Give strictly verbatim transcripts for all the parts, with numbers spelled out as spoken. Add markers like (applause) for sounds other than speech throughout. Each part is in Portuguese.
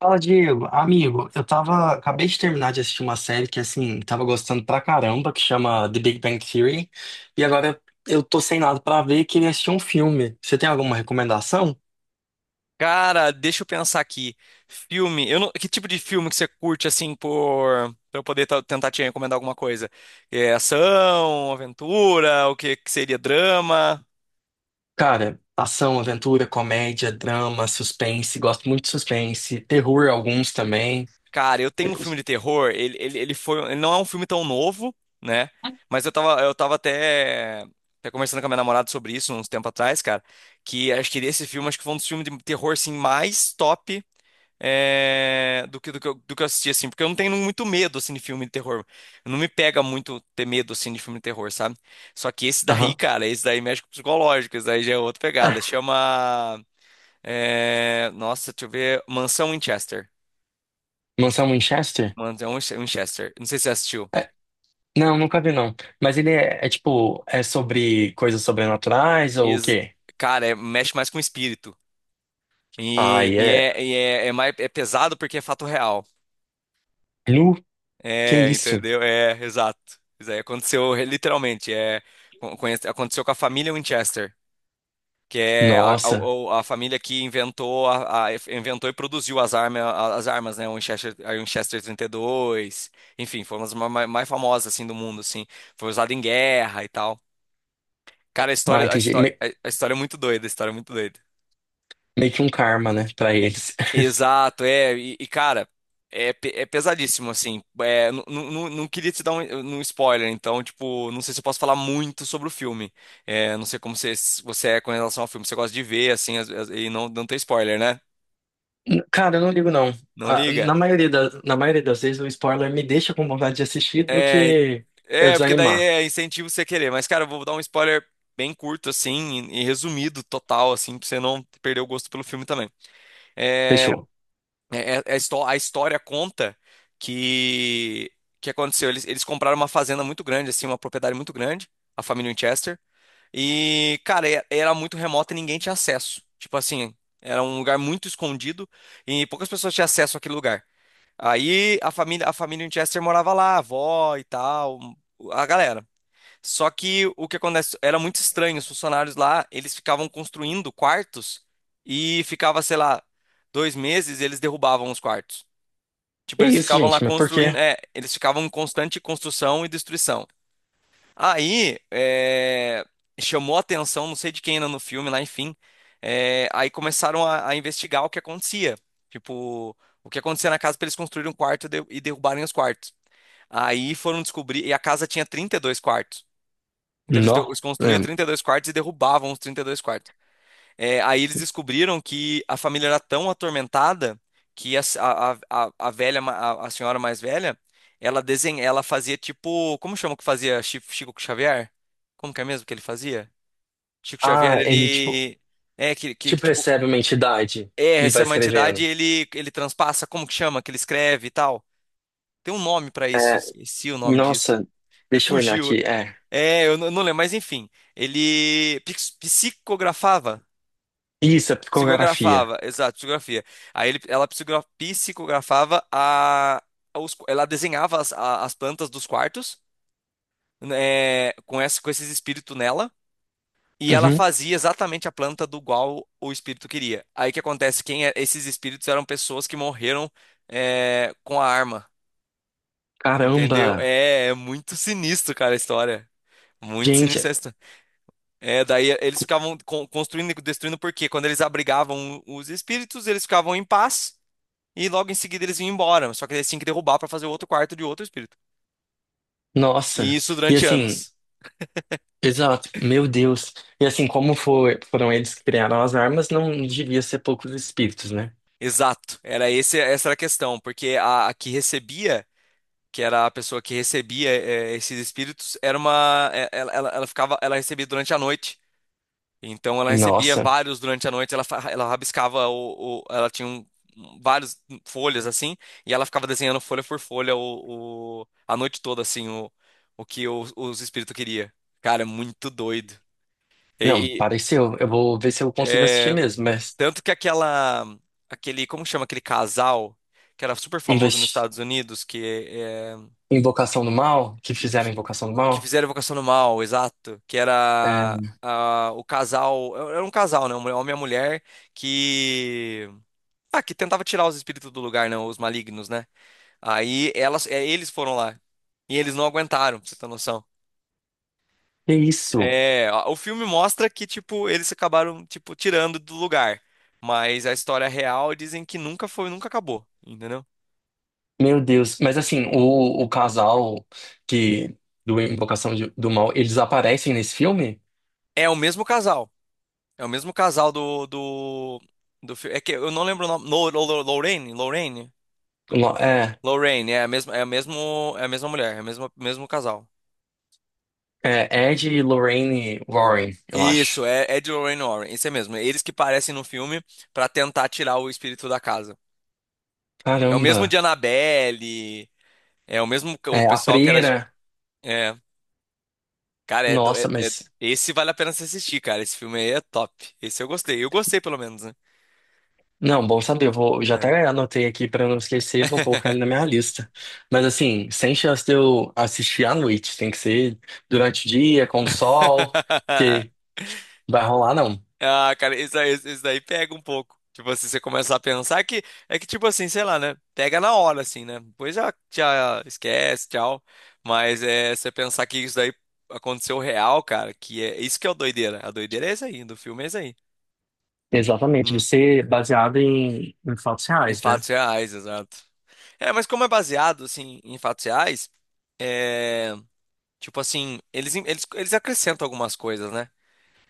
Fala, Diego. Amigo, eu tava, acabei de terminar de assistir uma série que, assim, tava gostando pra caramba, que chama The Big Bang Theory. E agora eu tô sem nada pra ver e queria assistir um filme. Você tem alguma recomendação? Cara, deixa eu pensar aqui. Filme, eu não- que tipo de filme que você curte assim por pra eu poder ta- tentar te recomendar alguma coisa? É ação, aventura, o que, que seria drama? Cara, ação, aventura, comédia, drama, suspense. Gosto muito de suspense. Terror, alguns também. Cara, eu tenho um filme de terror, ele, ele, ele foi, ele não é um filme tão novo, né? Mas eu tava, eu tava até, até conversando com a minha namorada sobre isso uns tempo atrás, cara, que acho que esse filme acho que foi um dos filmes de terror assim mais top, é, do que, do que eu, do que eu assisti, assim, porque eu não tenho muito medo, assim, de filme de terror. Não me pega muito ter medo, assim, de filme de terror, sabe? Só que esse daí, Aham. (laughs) cara, esse daí mexe com o psicológico, esse daí já é outra pegada. Ah, Chama, é, nossa, deixa eu ver, Mansão Winchester. Mansão Winchester? Mansão Winchester. Não sei se você assistiu. É, não, nunca vi, não. Mas ele é, é tipo, é sobre coisas sobrenaturais ou o Ex- quê? Cara, é- mexe mais com o espírito. E, Ai, e é. é, e é, é mais, é pesado porque é fato real. Nu? Que É, isso? entendeu? É, exato. Isso aí aconteceu re- literalmente. É, con- conhece- aconteceu com a família Winchester, que é a, a- Nossa. o- a família que inventou, a, a- inventou e produziu as armas, as armas, né? O Winchester, a Winchester trinta e dois, enfim, foram as ma- ma- mais famosas assim do mundo, assim. Foi usado em guerra e tal. Cara, a Ah, história, a entendi. história, Me- a a história é muito doida, a história é muito doida. Meio que um karma, né, pra É, eles. (laughs) exato, é, e, e, cara, é, pe- é pesadíssimo, assim, é, nu- nu- nu- não queria te dar um, um spoiler, então, tipo, não sei se eu posso falar muito sobre o filme. É, não sei como você, você é com relação ao filme, você gosta de ver, assim, as- as- e não, não ter spoiler, né? Cara, eu não ligo, não. Não Ah, liga? na maioria da, na maioria das vezes, o spoiler me deixa com vontade de assistir do É, e- que eu é, porque daí desanimar. é incentivo você querer, mas, cara, eu vou dar um spoiler bem curto, assim, e, e resumido, total, assim, pra você não perder o gosto pelo filme também. É, Fechou. É- é- é histó- a história conta que que aconteceu. Eles, eles compraram uma fazenda muito grande, assim, uma propriedade muito grande, a família Winchester. E, cara, e- era muito remota e ninguém tinha acesso. Tipo assim, era um lugar muito escondido e poucas pessoas tinham acesso àquele lugar. Aí a família, a família Winchester morava lá, a avó e tal, a galera. Só que o que acontece era muito estranho. Os funcionários lá, eles ficavam construindo quartos e ficava, sei lá, dois meses, eles derrubavam os quartos. Tipo, É eles isso, ficavam lá gente. Mas por construindo, quê? é, eles ficavam em constante construção e destruição. Aí, é, chamou a atenção, não sei de quem ainda no filme, lá, enfim. é, aí começaram a, a investigar o que acontecia. Tipo, o que acontecia na casa para eles construírem um quarto e, de- e derrubarem os quartos. Aí foram descobrir, e a casa tinha trinta e dois quartos. Então eles, deu- eles Nó. construíam É. trinta e dois quartos e derrubavam os trinta e dois quartos. É, aí eles descobriram que a família era tão atormentada que a, a, a, a velha, ma- a, a senhora mais velha, ela desenha, ela fazia tipo, como chama o que fazia Chi- Chico Xavier? Como que é mesmo que ele fazia? Chico Xavier, Ah, ele, tipo, ele é que, que, que, tipo, tipo, recebe uma entidade é e essa vai é uma entidade, escrevendo. ele ele transpassa, como que chama, que ele escreve e tal. Tem um nome pra isso, É, esqueci o nome disso. nossa, deixa eu olhar Refugiu? aqui. É. É, eu não não lembro, mas enfim, ele pix- psicografava. Isso, é psicografia. Psicografava, exato, psicografia. Aí ele, ela psicogra- psicografava a, os- ela desenhava as, a- as plantas dos quartos, né, com, esse, com esses espíritos nela, e ela Uhum. fazia exatamente a planta do qual o espírito queria. Aí o que acontece? Quem é- esses espíritos eram pessoas que morreram é, com a arma, entendeu? Caramba! É, é muito sinistro, cara, a história. Muito sinistro a Gente, história. É, daí eles ficavam con- construindo e destruindo, porque quando eles abrigavam os espíritos, eles ficavam em paz. E logo em seguida eles vinham embora, só que eles tinham que derrubar para fazer outro quarto de outro espírito. E nossa. isso E durante assim, anos. exato, meu Deus. E assim, como foi, foram eles que criaram as armas, não devia ser poucos espíritos, né? Exato, era esse, essa era a questão, porque a, a que recebia, que era a pessoa que recebia eh, esses espíritos, era uma, eh, ela, ela, ela ficava, ela recebia durante a noite. Então ela recebia Nossa, vários durante a noite, ela, fa- ela rabiscava o, o- ela tinha um, um- várias folhas assim, e ela ficava desenhando folha por folha o, o- a noite toda assim o, o que o- os espíritos queria. Cara, é muito doido. não, E, pareceu. Eu vou ver se eu consigo assistir É, mesmo, mas tanto que aquela, aquele, como chama aquele casal que era super famoso nos investi- Estados Unidos, que, é, Invocação do Mal, que que, fizeram que- Invocação do que Mal, fizeram Invocação do Mal, exato, que é, era ah, o casal, era um casal, né, um homem e uma mulher que ah, que tentava tirar os espíritos do lugar, né, os malignos, né? Aí elas, é, eles foram lá e eles não aguentaram, pra você ter noção. que isso? É, a- o filme mostra que, tipo, eles acabaram, tipo, tirando do lugar. Mas a história real dizem que nunca foi, nunca acabou, entendeu? Meu Deus. Mas assim, o, o casal que do Invocação de- do Mal, eles aparecem nesse filme? É o mesmo casal. É o mesmo casal do, do, do filme. É que eu não lembro o nome. Lo- Lo- Lo- Lorraine? Lorraine? Lo- É, Lorraine, é a mesma, é a mesmo, é a mesma mulher, é o mesmo, mesmo casal. é Ed e Lorraine Warren, eu Isso, acho. é, é de Lorraine Warren, isso é mesmo. Eles que parecem no filme pra tentar tirar o espírito da casa. É o mesmo de Caramba. Annabelle, é o mesmo que o É, a pessoal que era. freira. é, Cara, é, do- é- Nossa, é- mas esse vale a pena se assistir, cara. Esse filme aí é top. Esse eu gostei. Eu gostei, pelo menos, né? não, bom saber. Eu vou, já até anotei aqui pra eu não esquecer, vou colocar É. ele na minha lista. Mas assim, sem chance de eu assistir à noite, tem que ser durante o dia, com o sol, que (laughs) vai rolar, não. Ah, cara, isso, aí- isso daí pega um pouco. Tipo assim, você começa a pensar que é que, tipo assim, sei lá, né? Pega na hora, assim, né? Depois já, já esquece, tchau. Mas é você pensar que isso daí aconteceu real, cara, que é isso que é o doideira. A doideira é isso aí, do filme é isso aí. Exatamente, de Hum, ser baseado em, em fatos Em reais, né? fatos reais, exato. É, mas como é baseado, assim, em fatos reais, é. Tipo assim, eles, eles, eles acrescentam algumas coisas, né?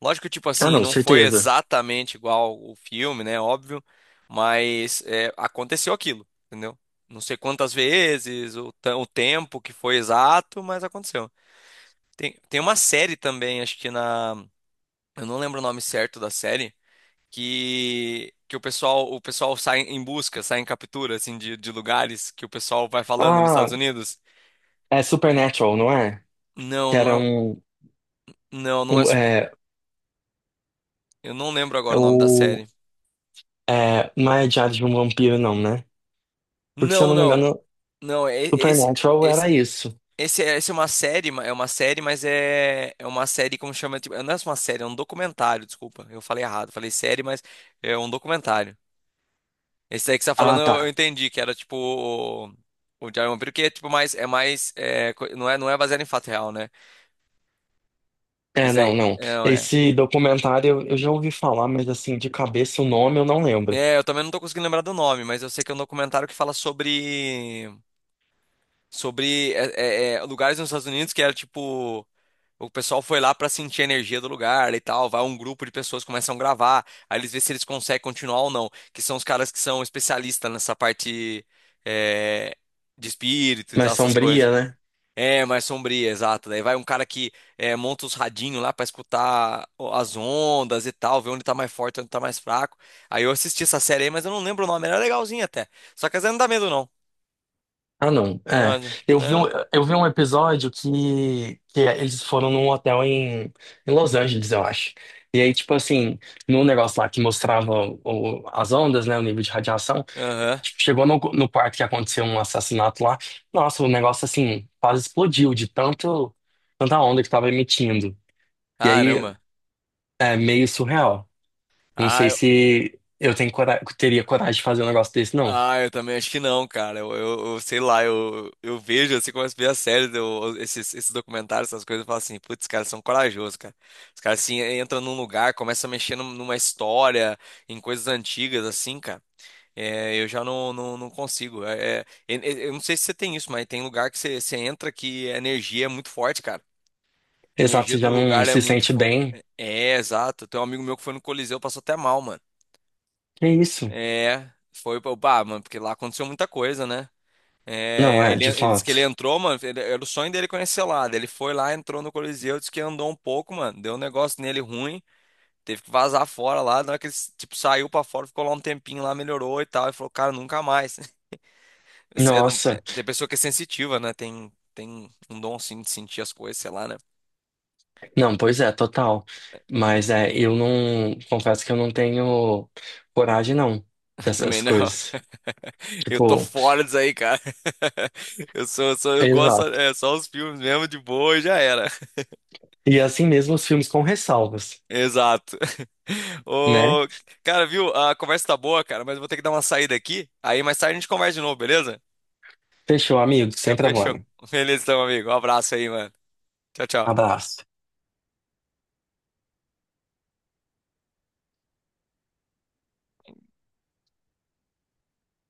Lógico que, tipo Ah, assim, não, não foi certeza. exatamente igual o filme, né? Óbvio, mas é, aconteceu aquilo, entendeu? Não sei quantas vezes, o, ta- o tempo que foi exato, mas aconteceu. Tem, tem uma série também, acho que na. Eu não lembro o nome certo da série, que, que o pessoal, o pessoal sai em busca, sai em captura, assim, de, de lugares que o pessoal vai falando nos Ah, Estados Unidos. é Supernatural, não é? Não, Que não era é. um, Não, não é um super. é, Eu não lembro é agora o nome da o, série. é, não é Diário de um Vampiro, não, né? Porque se eu Não, não me não, engano, não. é- Esse, Supernatural esse, era isso. esse, essa é uma série, ma- é uma série, mas é, é uma série como chama, tipo, não é uma série, é um documentário. Desculpa, eu falei errado, falei série, mas é um documentário. Esse daí que você tá falando, Ah, tá. eu, eu entendi que era tipo o, o Diário de um Vampiro, que é tipo mais, é mais, é, co- não é, não é baseado em fato real, né? É, Esse não, daí, não. não é. Esse documentário eu eu já ouvi falar, mas assim, de cabeça o nome eu não lembro. É, eu também não tô conseguindo lembrar do nome, mas eu sei que é um documentário que fala sobre sobre é, é, é, lugares nos Estados Unidos que era tipo. O pessoal foi lá para sentir a energia do lugar e tal. Vai um grupo de pessoas, começam a gravar. Aí eles vê se eles conseguem continuar ou não. Que são os caras que são especialistas nessa parte é, de espírito e tal, Mas essas coisas. Sombria, né? É, mais sombria, exato. Daí vai um cara que é, monta os radinhos lá para escutar o- as ondas e tal, ver onde tá mais forte, onde tá mais fraco. Aí eu assisti essa série aí, mas eu não lembro o nome. Era legalzinha até. Só que às vezes não dá medo, não. Ah, não. Não, É. às vezes Eu vi um, não. eu vi um episódio que, que eles foram num hotel em, em Los Angeles, eu acho. E aí, tipo assim, no negócio lá que mostrava o- as ondas, né? O nível de radiação. Aham. Tipo, chegou no, no quarto que aconteceu um assassinato lá. Nossa, o negócio assim, quase explodiu de tanto, tanta onda que tava emitindo. E aí, Caramba. é meio surreal. Não sei Ah, se eu tenho cora- teria coragem de fazer um negócio desse, não. Ah, eu também acho que não, cara. Eu, eu, eu sei lá, eu, eu vejo, assim, começo a ver as séries, eu, esses, esses documentários, essas coisas, eu falo assim, putz, os caras são corajosos, cara. Os caras, assim, entram num lugar, começam a mexer num- numa história, em coisas antigas, assim, cara. É, eu já não, não, não consigo. É, é, eu eu não sei se você tem isso, mas tem lugar que você, você entra que a energia é muito forte, cara. A Exato, energia você já do não lugar é se muito sente forte. bem. É, é, exato. Tem um amigo meu que foi no Coliseu, passou até mal, mano. Que isso? É, foi, pá, mano, porque lá aconteceu muita coisa, né? Não, É, é, ele, de ele disse que ele fato. entrou, mano. ele- era o sonho dele conhecer lá. Daí ele foi lá, entrou no Coliseu, disse que andou um pouco, mano. Deu um negócio nele ruim. Teve que vazar fora lá. Na hora que ele, tipo, saiu pra fora, ficou lá um tempinho lá, melhorou e tal. E falou, cara, nunca mais. (laughs) Você é do- é, Nossa. tem pessoa que é sensitiva, né? Tem, tem um dom assim de sentir as coisas, sei lá, né? Não, pois é, total. Mas é, eu não. Confesso que eu não tenho coragem, não, (laughs) Também dessas não. coisas. (laughs) Eu tô Tipo, fora disso aí, cara. (laughs) Eu sou, eu sou, eu gosto, exato. é, só os filmes mesmo de boa e já era. E assim mesmo os filmes com ressalvas, Exato. (laughs) né? Ô, cara, viu? A conversa tá boa, cara, mas eu vou ter que dar uma saída aqui. Aí mais tarde a gente conversa de novo, beleza? Fechou, amigo. Sem Então, fechou. problema. (laughs) Beleza, então, amigo. Um abraço aí, mano. Tchau, tchau. Abraço.